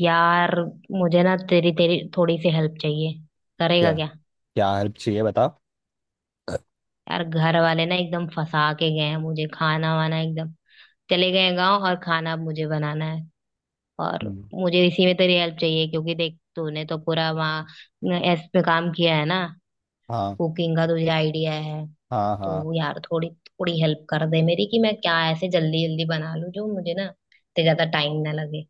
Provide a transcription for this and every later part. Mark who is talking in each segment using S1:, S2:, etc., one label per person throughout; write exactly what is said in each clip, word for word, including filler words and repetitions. S1: यार, मुझे ना तेरी तेरी थोड़ी सी हेल्प चाहिए।
S2: क्या
S1: करेगा क्या?
S2: क्या हेल्प चाहिए बता।
S1: यार, घर वाले ना एकदम फंसा के गए हैं मुझे। खाना वाना एकदम, चले गए गांव और खाना अब मुझे बनाना है। और
S2: हम्म,
S1: मुझे इसी में तेरी हेल्प चाहिए, क्योंकि देख तूने तो पूरा वहाँ एस पे काम किया है ना।
S2: हाँ
S1: कुकिंग का तुझे आइडिया है।
S2: हाँ
S1: तो
S2: हाँ।
S1: यार थोड़ी थोड़ी हेल्प कर दे मेरी, कि मैं क्या ऐसे जल्दी जल्दी बना लूं जो मुझे ना इतने ज्यादा टाइम ना लगे।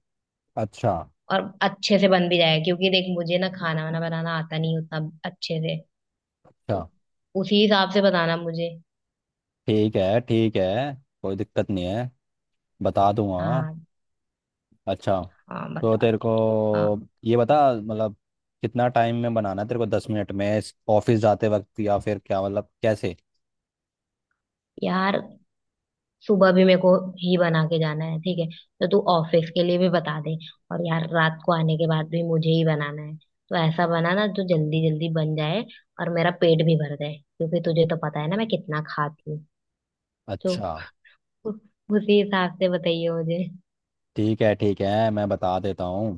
S2: अच्छा
S1: और अच्छे से बन भी जाए, क्योंकि देख मुझे ना खाना वाना बनाना आता नहीं उतना अच्छे से।
S2: अच्छा।
S1: उसी हिसाब से बताना मुझे।
S2: ठीक है ठीक है। कोई दिक्कत नहीं है। बता दूंगा।
S1: हाँ।
S2: अच्छा।
S1: हाँ
S2: तो
S1: बता
S2: तेरे
S1: दे।
S2: को
S1: हाँ
S2: ये बता मतलब कितना टाइम में बनाना है तेरे को, दस मिनट में ऑफिस जाते वक्त या फिर क्या मतलब कैसे?
S1: यार, सुबह भी मेरे को ही बना के जाना है। ठीक है, तो तू ऑफिस के लिए भी बता दे। और यार रात को आने के बाद भी मुझे ही बनाना है। तो ऐसा बनाना जो जल्दी जल्दी बन जाए और मेरा पेट भी भर जाए, क्योंकि तुझे तो पता है ना मैं कितना खाती हूँ। तो
S2: अच्छा
S1: उ- उसी हिसाब से बताइए मुझे।
S2: ठीक है ठीक है मैं बता देता हूँ।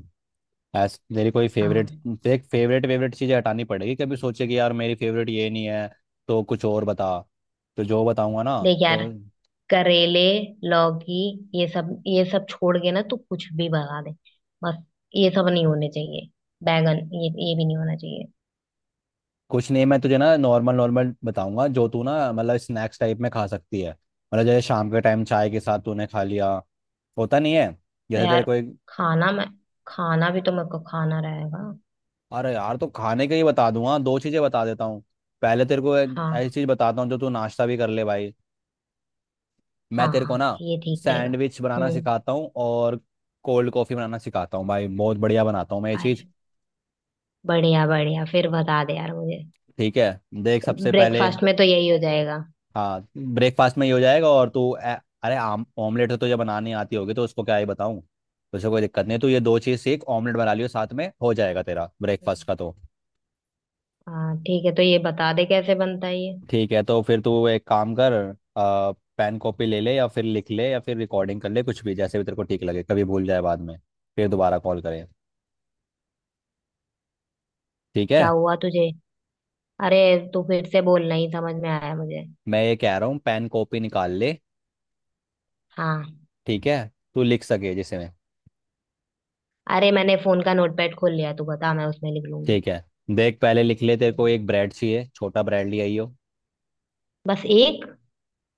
S2: ऐस तेरी कोई फेवरेट
S1: हाँ।
S2: देख, फेवरेट फेवरेट चीजें हटानी पड़ेगी कभी सोचे कि यार मेरी फेवरेट ये नहीं है तो कुछ और बता, तो जो बताऊंगा ना
S1: देख
S2: तो।
S1: यार, करेले, लौकी, ये सब ये सब छोड़ के ना तू कुछ भी भगा दे। बस ये सब नहीं होने चाहिए। बैगन, ये ये भी नहीं होना चाहिए।
S2: कुछ नहीं मैं तुझे ना नॉर्मल नॉर्मल बताऊंगा जो तू ना मतलब स्नैक्स टाइप में खा सकती है, मतलब जैसे शाम के टाइम चाय के साथ तूने खा लिया होता नहीं है,
S1: तो
S2: जैसे तेरे
S1: यार,
S2: कोई।
S1: खाना मैं खाना भी तो मेरे को खाना रहेगा।
S2: अरे यार तो खाने का ही बता दूंगा, दो चीजें बता देता हूँ। पहले तेरे को ऐ- ऐसी
S1: हाँ,
S2: चीज बताता हूँ जो तू नाश्ता भी कर ले भाई।
S1: हाँ,
S2: मैं तेरे
S1: हाँ,
S2: को ना
S1: ये ठीक रहेगा।
S2: सैंडविच बनाना
S1: हम्म।
S2: सिखाता हूँ और कोल्ड कॉफी बनाना सिखाता हूँ भाई, बहुत बढ़िया बनाता हूँ मैं ये चीज।
S1: अरे, बढ़िया बढ़िया, फिर बता दे यार मुझे।
S2: ठीक है देख सबसे पहले।
S1: ब्रेकफास्ट में तो यही हो जाएगा।
S2: हाँ ब्रेकफास्ट में ये हो जाएगा और तू ए- अरे आम ऑमलेट तो तुझे बनानी आती होगी तो उसको क्या ही बताऊँ। तुझे कोई दिक्कत नहीं है, तू ये दो चीज सीख, ऑमलेट बना लियो साथ में, हो जाएगा तेरा ब्रेकफास्ट
S1: हम्म।
S2: का तो।
S1: हाँ ठीक है, तो ये बता दे कैसे बनता है ये।
S2: ठीक है तो फिर तू एक काम कर। आ, पेन कॉपी ले ले या फिर लिख ले या फिर रिकॉर्डिंग कर ले, कुछ भी जैसे भी तेरे को ठीक लगे, कभी भूल जाए बाद में फिर दोबारा कॉल करें। ठीक है?
S1: क्या हुआ तुझे? अरे, तू फिर से बोलना ही समझ में आया मुझे।
S2: मैं ये कह रहा हूँ पेन कॉपी निकाल ले।
S1: हाँ।
S2: ठीक है, तू लिख सके जिसमें।
S1: अरे, मैंने फोन का नोटपैड खोल लिया, तू बता मैं उसमें लिख लूंगी।
S2: ठीक है देख पहले लिख ले, तेरे को एक ब्रेड चाहिए, छोटा ब्रेड ले आई हो।
S1: बस एक?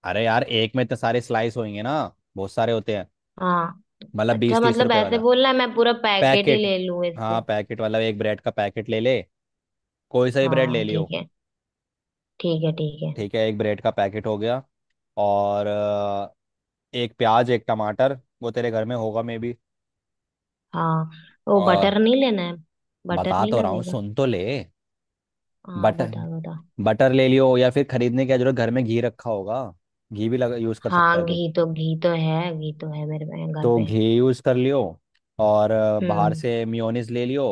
S2: अरे यार एक में इतने सारे स्लाइस होंगे ना, बहुत सारे होते हैं,
S1: हाँ।
S2: मतलब
S1: अच्छा,
S2: बीस तीस
S1: मतलब
S2: रुपए
S1: ऐसे
S2: वाला
S1: बोलना है मैं पूरा पैकेट ही
S2: पैकेट।
S1: ले लूं इससे।
S2: हाँ पैकेट वाला एक ब्रेड का पैकेट ले ले, कोई सा भी ब्रेड ले
S1: हाँ
S2: लियो।
S1: ठीक है। ठीक है ठीक है।
S2: ठीक है एक ब्रेड का पैकेट हो गया। और अ, एक प्याज एक टमाटर वो तेरे घर में होगा मे बी।
S1: हाँ, वो
S2: और
S1: बटर नहीं लेना है? बटर
S2: बता
S1: नहीं
S2: तो रहा हूँ
S1: लगेगा?
S2: सुन तो ले।
S1: हाँ
S2: बटर,
S1: बता बता।
S2: बटर ले लियो या फिर खरीदने की क्या जरूरत, घर में घी रखा होगा, घी भी लगा यूज़ कर सकता है
S1: हाँ
S2: तो।
S1: घी तो, घी तो है, घी तो है मेरे पे- घर
S2: तो
S1: पे।
S2: घी यूज़ कर लियो। और अ, बाहर
S1: हम्म।
S2: से मियोनीज ले लियो,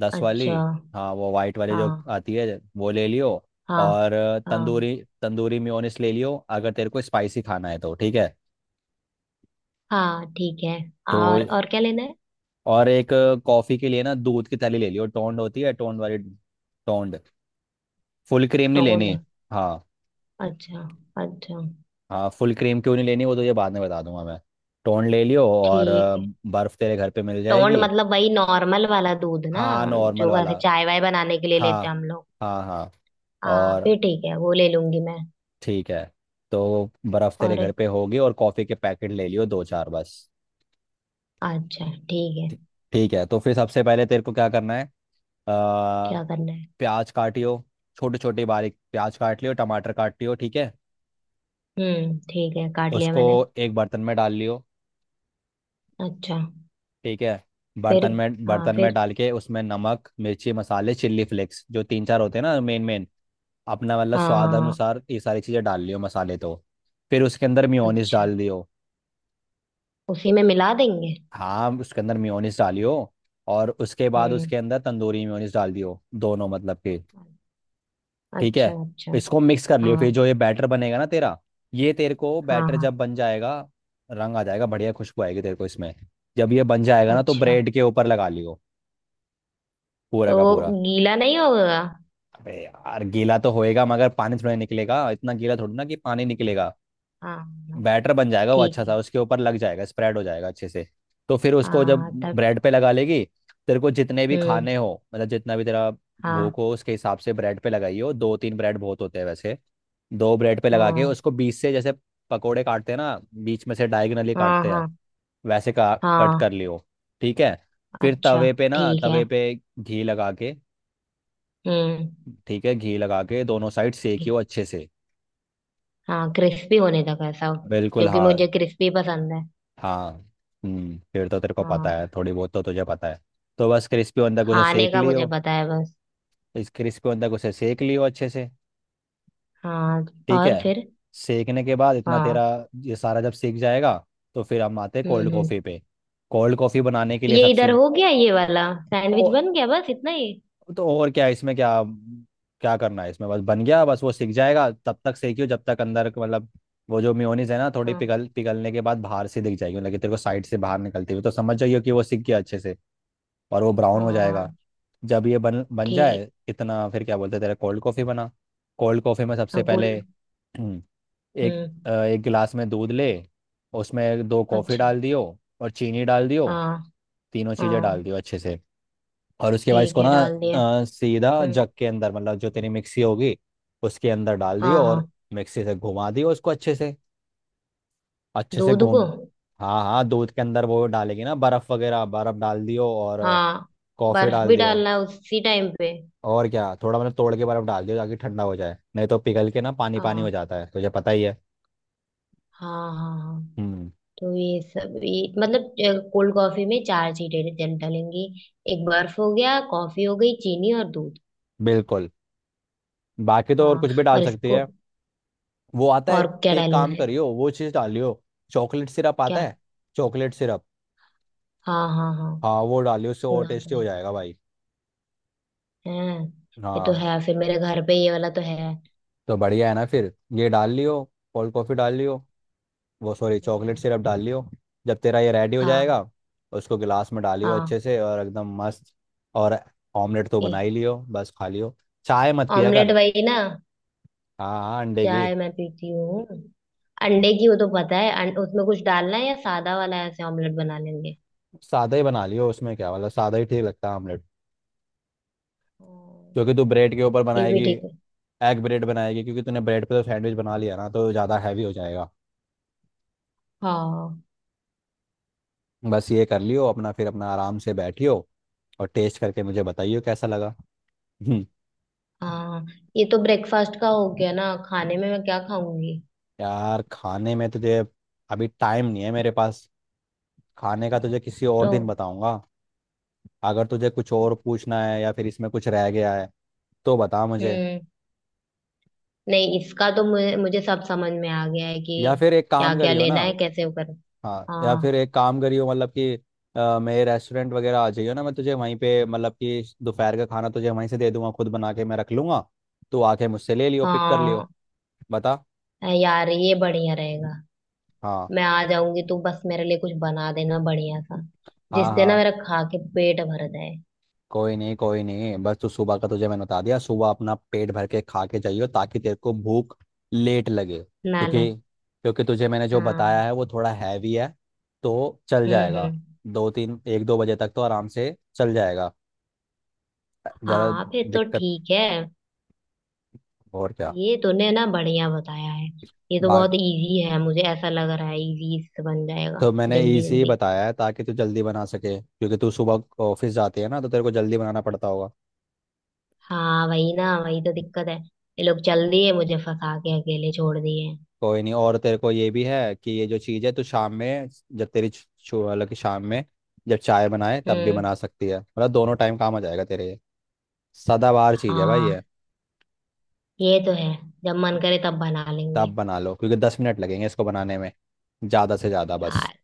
S2: दस वाली।
S1: अच्छा।
S2: हाँ वो वाइट वाली जो
S1: हाँ।
S2: आती है वो ले लियो।
S1: हाँ।
S2: और अ,
S1: हाँ।
S2: तंदूरी, तंदूरी मेयोनेज़ ले लियो अगर तेरे को स्पाइसी खाना है तो। ठीक है
S1: हाँ ठीक है।
S2: तो,
S1: और और क्या लेना है?
S2: और एक कॉफ़ी के लिए ना दूध की थैली ले लियो, टोंड होती है टोंड वाली, टोंड, फुल क्रीम नहीं
S1: टोंड।
S2: लेनी। हाँ
S1: अच्छा। अच्छा।
S2: हाँ फुल क्रीम क्यों नहीं लेनी वो तो ये बाद में बता दूंगा मैं। टोन ले लियो और अ,
S1: ठीक है।
S2: बर्फ तेरे घर पे मिल
S1: टोंड
S2: जाएगी।
S1: मतलब वही नॉर्मल वाला दूध ना,
S2: हाँ नॉर्मल
S1: जो ऐसे
S2: वाला।
S1: चाय वाय बनाने के लिए लेते
S2: हाँ
S1: हैं हम लोग।
S2: हाँ हाँ।
S1: हाँ,
S2: और
S1: फिर ठीक है, वो ले लूंगी मैं।
S2: ठीक है, तो बर्फ तेरे
S1: और?
S2: घर पे होगी और कॉफ़ी के पैकेट ले लियो दो चार बस।
S1: अच्छा। ठीक है।
S2: ठी- ठीक है, तो फिर सबसे पहले तेरे को क्या करना है। अ,
S1: क्या करना है?
S2: प्याज काटियो, छोटे छोटे बारीक प्याज काट लियो, टमाटर काट लियो। ठीक है
S1: हम्म ठीक है, काट लिया
S2: उसको
S1: मैंने।
S2: एक बर्तन में डाल लियो।
S1: अच्छा।
S2: ठीक है,
S1: फिर?
S2: बर्तन में
S1: हाँ
S2: बर्तन में
S1: फिर?
S2: डाल के उसमें नमक मिर्ची मसाले चिल्ली फ्लेक्स जो तीन चार होते हैं ना मेन मेन, अपना मतलब स्वाद
S1: हाँ।
S2: अनुसार ये सारी चीज़ें डाल लियो मसाले तो। फिर उसके अंदर मियोनीस
S1: अच्छा,
S2: डाल दियो,
S1: उसी में मिला देंगे।
S2: हाँ उसके अंदर मियोनीस डालियो और उसके बाद
S1: हम्म।
S2: उसके अंदर तंदूरी मियोनीस डाल दियो, दोनों मतलब के। ठीक है,
S1: अच्छा अच्छा।
S2: इसको मिक्स कर लियो फिर
S1: हाँ।
S2: जो ये बैटर बनेगा ना तेरा, ये तेरे को
S1: हाँ।
S2: बैटर
S1: हाँ।
S2: जब बन जाएगा रंग आ जाएगा, बढ़िया खुशबू आएगी तेरे को इसमें। जब ये बन जाएगा ना तो
S1: अच्छा।
S2: ब्रेड के ऊपर लगा लियो, पूरा
S1: तो
S2: का पूरा।
S1: गीला नहीं होगा?
S2: अबे यार गीला तो होएगा मगर पानी थोड़ा निकलेगा, इतना गीला थोड़ी ना कि पानी निकलेगा।
S1: हाँ। हाँ,
S2: बैटर बन जाएगा वो
S1: ठीक
S2: अच्छा सा,
S1: है।
S2: उसके ऊपर लग जाएगा स्प्रेड हो जाएगा अच्छे से। तो फिर उसको जब
S1: हाँ तब?
S2: ब्रेड पे लगा लेगी, तेरे को जितने भी
S1: हम्म।
S2: खाने हो मतलब जितना भी तेरा भूख
S1: हाँ।
S2: हो उसके हिसाब से ब्रेड पे लगाई हो, दो तीन ब्रेड बहुत होते हैं वैसे। दो ब्रेड पे लगा के
S1: हाँ।
S2: उसको बीच से जैसे पकोड़े काटते हैं ना बीच में से डायगनली
S1: हाँ।
S2: काटते हैं,
S1: हाँ।
S2: वैसे का कट
S1: हाँ।
S2: कर लियो। ठीक है फिर
S1: अच्छा।
S2: तवे पे ना,
S1: ठीक है।
S2: तवे पे घी लगा के,
S1: हम्म।
S2: ठीक है घी लगा के दोनों साइड सेकियो अच्छे से।
S1: हाँ क्रिस्पी होने तक है सब,
S2: बिल्कुल
S1: क्योंकि
S2: हाँ।
S1: मुझे क्रिस्पी पसंद है।
S2: हाँ। हम्म, फिर तो तेरे को पता
S1: हाँ,
S2: है, थोड़ी बहुत तो तुझे पता है तो बस क्रिस्पी बंदा को उसे
S1: खाने
S2: सेक
S1: का
S2: लियो।
S1: मुझे पता है बस।
S2: इस क्रिस्पी बंदा को उसे सेक लियो अच्छे से।
S1: हाँ।
S2: ठीक है।
S1: और फिर?
S2: सेकने के बाद इतना तेरा,
S1: हाँ।
S2: ये सारा जब सेक जाएगा तो फिर हम आते हैं
S1: हम्म
S2: कोल्ड
S1: हम्म।
S2: कॉफ़ी पे। कोल्ड कॉफ़ी बनाने के लिए
S1: ये इधर
S2: सबसे।
S1: हो गया, ये वाला
S2: ओ
S1: सैंडविच बन गया, बस इतना ही?
S2: तो, और क्या इसमें, क्या क्या करना है इसमें, बस बन गया बस वो सिक जाएगा, तब तक सेकियो जब तक अंदर का मतलब, वो जो मेयोनीज है ना थोड़ी
S1: हाँ।
S2: पिघल पिघलने के बाद बाहर से दिख जाएगी मतलब कि तेरे को साइड से बाहर निकलती हुई, तो समझ जाइयो कि वो सिक गया अच्छे से और वो ब्राउन हो
S1: हाँ
S2: जाएगा। जब ये बन बन
S1: ठीक।
S2: जाए इतना फिर क्या बोलते हैं तेरा, कोल्ड कॉफ़ी बना। कोल्ड कॉफ़ी में
S1: हाँ
S2: सबसे
S1: गोल।
S2: पहले हम्म, एक
S1: हम्म।
S2: अ, एक गिलास में दूध ले, उसमें दो कॉफ़ी
S1: अच्छा।
S2: डाल दियो और चीनी डाल दियो,
S1: हाँ।
S2: तीनों चीज़ें डाल
S1: हाँ
S2: दियो अच्छे से। और उसके बाद
S1: ठीक
S2: इसको
S1: है,
S2: ना
S1: डाल दिया।
S2: अ, सीधा
S1: हम्म।
S2: जग के अंदर मतलब जो तेरी मिक्सी होगी उसके अंदर डाल दियो
S1: हाँ। हाँ
S2: और मिक्सी से घुमा दियो उसको अच्छे से, अच्छे से
S1: दूध
S2: घूम।
S1: को?
S2: हाँ हाँ दूध के अंदर वो डालेगी ना, बर्फ वगैरह बर्फ डाल दियो और
S1: हाँ।
S2: कॉफी
S1: बर्फ
S2: डाल
S1: भी
S2: दियो।
S1: डालना है उसी टाइम पे?
S2: और क्या, थोड़ा मतलब तोड़ के बर्फ डाल दियो ताकि ठंडा हो जाए, नहीं तो पिघल के ना पानी पानी हो
S1: हाँ।
S2: जाता है तुझे पता ही है।
S1: हाँ। हाँ। हाँ।
S2: हम्म।
S1: तो ये सब, ये मतलब कोल्ड कॉफी में चार चीजें डल- डलेंगी। एक बर्फ हो गया, कॉफी हो गई, चीनी और दूध।
S2: बिल्कुल, बाकी तो और
S1: हाँ।
S2: कुछ भी डाल
S1: और
S2: सकती
S1: इसको?
S2: है। वो आता है,
S1: और क्या
S2: एक
S1: डालना
S2: काम
S1: है?
S2: करियो वो चीज़ डालियो, चॉकलेट सिरप आता
S1: क्या?
S2: है। Chocolate syrup.
S1: हाँ हाँ हाँ,
S2: हाँ वो डालियो, उससे और
S1: सुना तो
S2: टेस्टी हो
S1: है।
S2: जाएगा भाई।
S1: हैं? ये तो
S2: हाँ
S1: है फिर मेरे घर पे, ये वाला तो है।
S2: तो बढ़िया है ना फिर। ये डाल लियो, कोल्ड कॉफ़ी डाल लियो, वो सॉरी चॉकलेट
S1: हाँ।
S2: सिरप डाल लियो। जब तेरा ये रेडी हो
S1: हाँ।
S2: जाएगा उसको गिलास में डालियो
S1: हाँ।
S2: अच्छे से और एकदम मस्त। और ऑमलेट तो
S1: ये?
S2: बना ही लियो बस खा लियो, चाय मत पिया
S1: ऑमलेट
S2: कर।
S1: वही ना?
S2: हाँ हाँ अंडे की।
S1: चाय मैं पीती हूँ। अंडे की वो तो पता है। अं, उसमें कुछ डालना है या सादा वाला ऐसे ऑमलेट बना लेंगे?
S2: सादा ही बना लियो उसमें क्या मतलब, सादा ही ठीक लगता है ऑमलेट,
S1: हाँ,
S2: क्योंकि तू ब्रेड के ऊपर
S1: ये भी
S2: बनाएगी,
S1: ठीक है।
S2: एग ब्रेड बनाएगी, क्योंकि तूने ब्रेड पे तो सैंडविच बना लिया ना तो ज़्यादा हैवी हो जाएगा।
S1: हाँ।
S2: बस ये कर लियो अपना, फिर अपना आराम से बैठियो और टेस्ट करके मुझे बताइयो कैसा लगा।
S1: हाँ। ये तो ब्रेकफास्ट का हो गया ना, खाने में मैं क्या खाऊंगी?
S2: यार खाने में तुझे अभी टाइम नहीं है मेरे पास, खाने का तुझे किसी और
S1: तो?
S2: दिन बताऊंगा। अगर तुझे कुछ और पूछना है या फिर इसमें कुछ रह गया है तो बता मुझे,
S1: हम्म। नहीं, इसका तो मुझे, मुझे सब समझ में आ गया है
S2: या
S1: कि
S2: फिर एक
S1: क्या
S2: काम
S1: क्या
S2: करियो
S1: लेना
S2: ना।
S1: है, कैसे वो कर।
S2: हाँ या
S1: हाँ।
S2: फिर एक काम करियो, मतलब कि अ, मेरे रेस्टोरेंट वगैरह आ जाइयो ना, मैं तुझे वहीं पे मतलब कि दोपहर का खाना तुझे वहीं से दे दूंगा, खुद बना के मैं रख लूंगा, तू आके मुझसे ले लियो पिक कर लियो।
S1: हाँ।
S2: बता।
S1: अ, यार ये बढ़िया रहेगा।
S2: हाँ
S1: मैं आ जाऊंगी, तू बस मेरे लिए कुछ बना देना बढ़िया सा,
S2: हाँ
S1: जिससे ना
S2: हाँ।
S1: मेरा खा के पेट भर जाए।
S2: कोई नहीं कोई नहीं, बस तू सुबह का तुझे मैंने बता दिया, सुबह अपना पेट भर के खा के जाइयो ताकि तेरे को भूख लेट लगे,
S1: ना
S2: क्योंकि,
S1: लग।
S2: क्योंकि तुझे मैंने जो बताया
S1: हाँ।
S2: है वो थोड़ा हैवी है तो चल
S1: हम्म
S2: जाएगा,
S1: हम्म।
S2: दो तीन, एक दो बजे तक तो आराम से चल जाएगा, ज़्यादा
S1: हाँ फिर तो
S2: दिक्कत।
S1: ठीक है।
S2: और क्या।
S1: ये तूने ना बढ़िया बताया है। ये तो
S2: बाकी
S1: बहुत इजी है, मुझे ऐसा लग रहा है, इजी इससे बन जाएगा।
S2: तो मैंने
S1: जल्दी
S2: इजी
S1: जल्दी।
S2: बताया है ताकि तू जल्दी बना सके, क्योंकि तू सुबह ऑफिस जाती है ना तो तेरे को जल्दी बनाना पड़ता होगा।
S1: हाँ वही ना, वही तो दिक्कत है। ये लोग चल दिए मुझे फंसा के, अकेले छोड़ दिए।
S2: कोई नहीं, और तेरे को ये भी है कि ये जो चीज़ है तो शाम में जब तेरी छु- छु- मतलब कि शाम में जब चाय बनाए तब भी
S1: हम्म।
S2: बना सकती है, मतलब दोनों टाइम काम आ जाएगा तेरे ये, सदाबहार चीज़ है भाई ये।
S1: हाँ, ये तो है। जब मन करे तब बना
S2: तब
S1: लेंगे।
S2: बना लो क्योंकि दस मिनट लगेंगे इसको बनाने में, ज़्यादा से ज़्यादा बस।
S1: यार,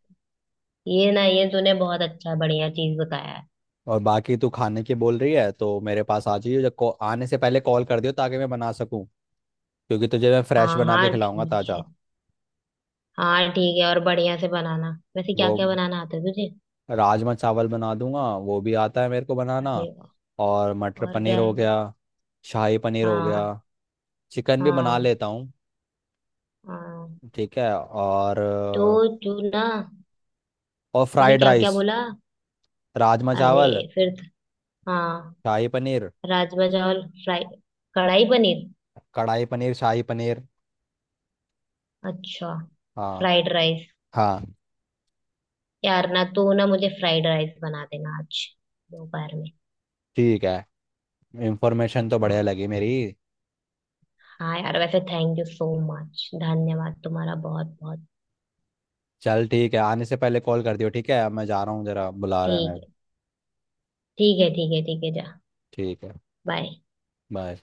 S1: ये ना ये तूने बहुत अच्छा बढ़िया चीज बताया है।
S2: और बाकी तू खाने की बोल रही है तो मेरे पास आ जाइयो, जब कॉ- आने से पहले कॉल कर दियो ताकि मैं बना सकूँ, क्योंकि तुझे मैं फ्रेश
S1: हाँ
S2: बना के
S1: हाँ
S2: खिलाऊंगा
S1: ठीक है।
S2: ताज़ा।
S1: हाँ ठीक है, और बढ़िया से बनाना। वैसे क्या
S2: वो
S1: क्या बनाना आता है तुझे?
S2: राजमा चावल बना दूंगा वो भी आता है मेरे को बनाना।
S1: अरे वाह।
S2: और मटर
S1: और
S2: पनीर
S1: क्या
S2: हो
S1: है?
S2: गया, शाही पनीर हो गया।
S1: हाँ।
S2: चिकन भी बना
S1: हाँ।
S2: लेता हूँ।
S1: हाँ।
S2: ठीक है और
S1: तो तू ना।
S2: और
S1: तूने
S2: फ्राइड
S1: क्या क्या
S2: राइस।
S1: बोला?
S2: राजमा चावल,
S1: अरे, फिर त- हाँ।
S2: शाही पनीर,
S1: राजमा चावल फ्राई, कढ़ाई पनीर।
S2: कढ़ाई पनीर, शाही पनीर।
S1: अच्छा।
S2: हाँ।
S1: Fried rice.
S2: हाँ।
S1: यार ना, तो ना मुझे फ्राइड राइस बना देना आज, दोपहर में।
S2: ठीक है, इंफॉर्मेशन तो बढ़िया
S1: हाँ।
S2: लगी मेरी।
S1: हाँ यार, वैसे थैंक यू सो मच, धन्यवाद तुम्हारा बहुत बहुत।
S2: चल ठीक है, आने से पहले कॉल कर दियो, ठीक है अब मैं जा रहा हूँ, जरा बुला रहे हैं
S1: ठीक
S2: मेरे।
S1: है ठीक है। ठीक है ठीक है, जा।
S2: ठीक है।
S1: बाय।
S2: बाय।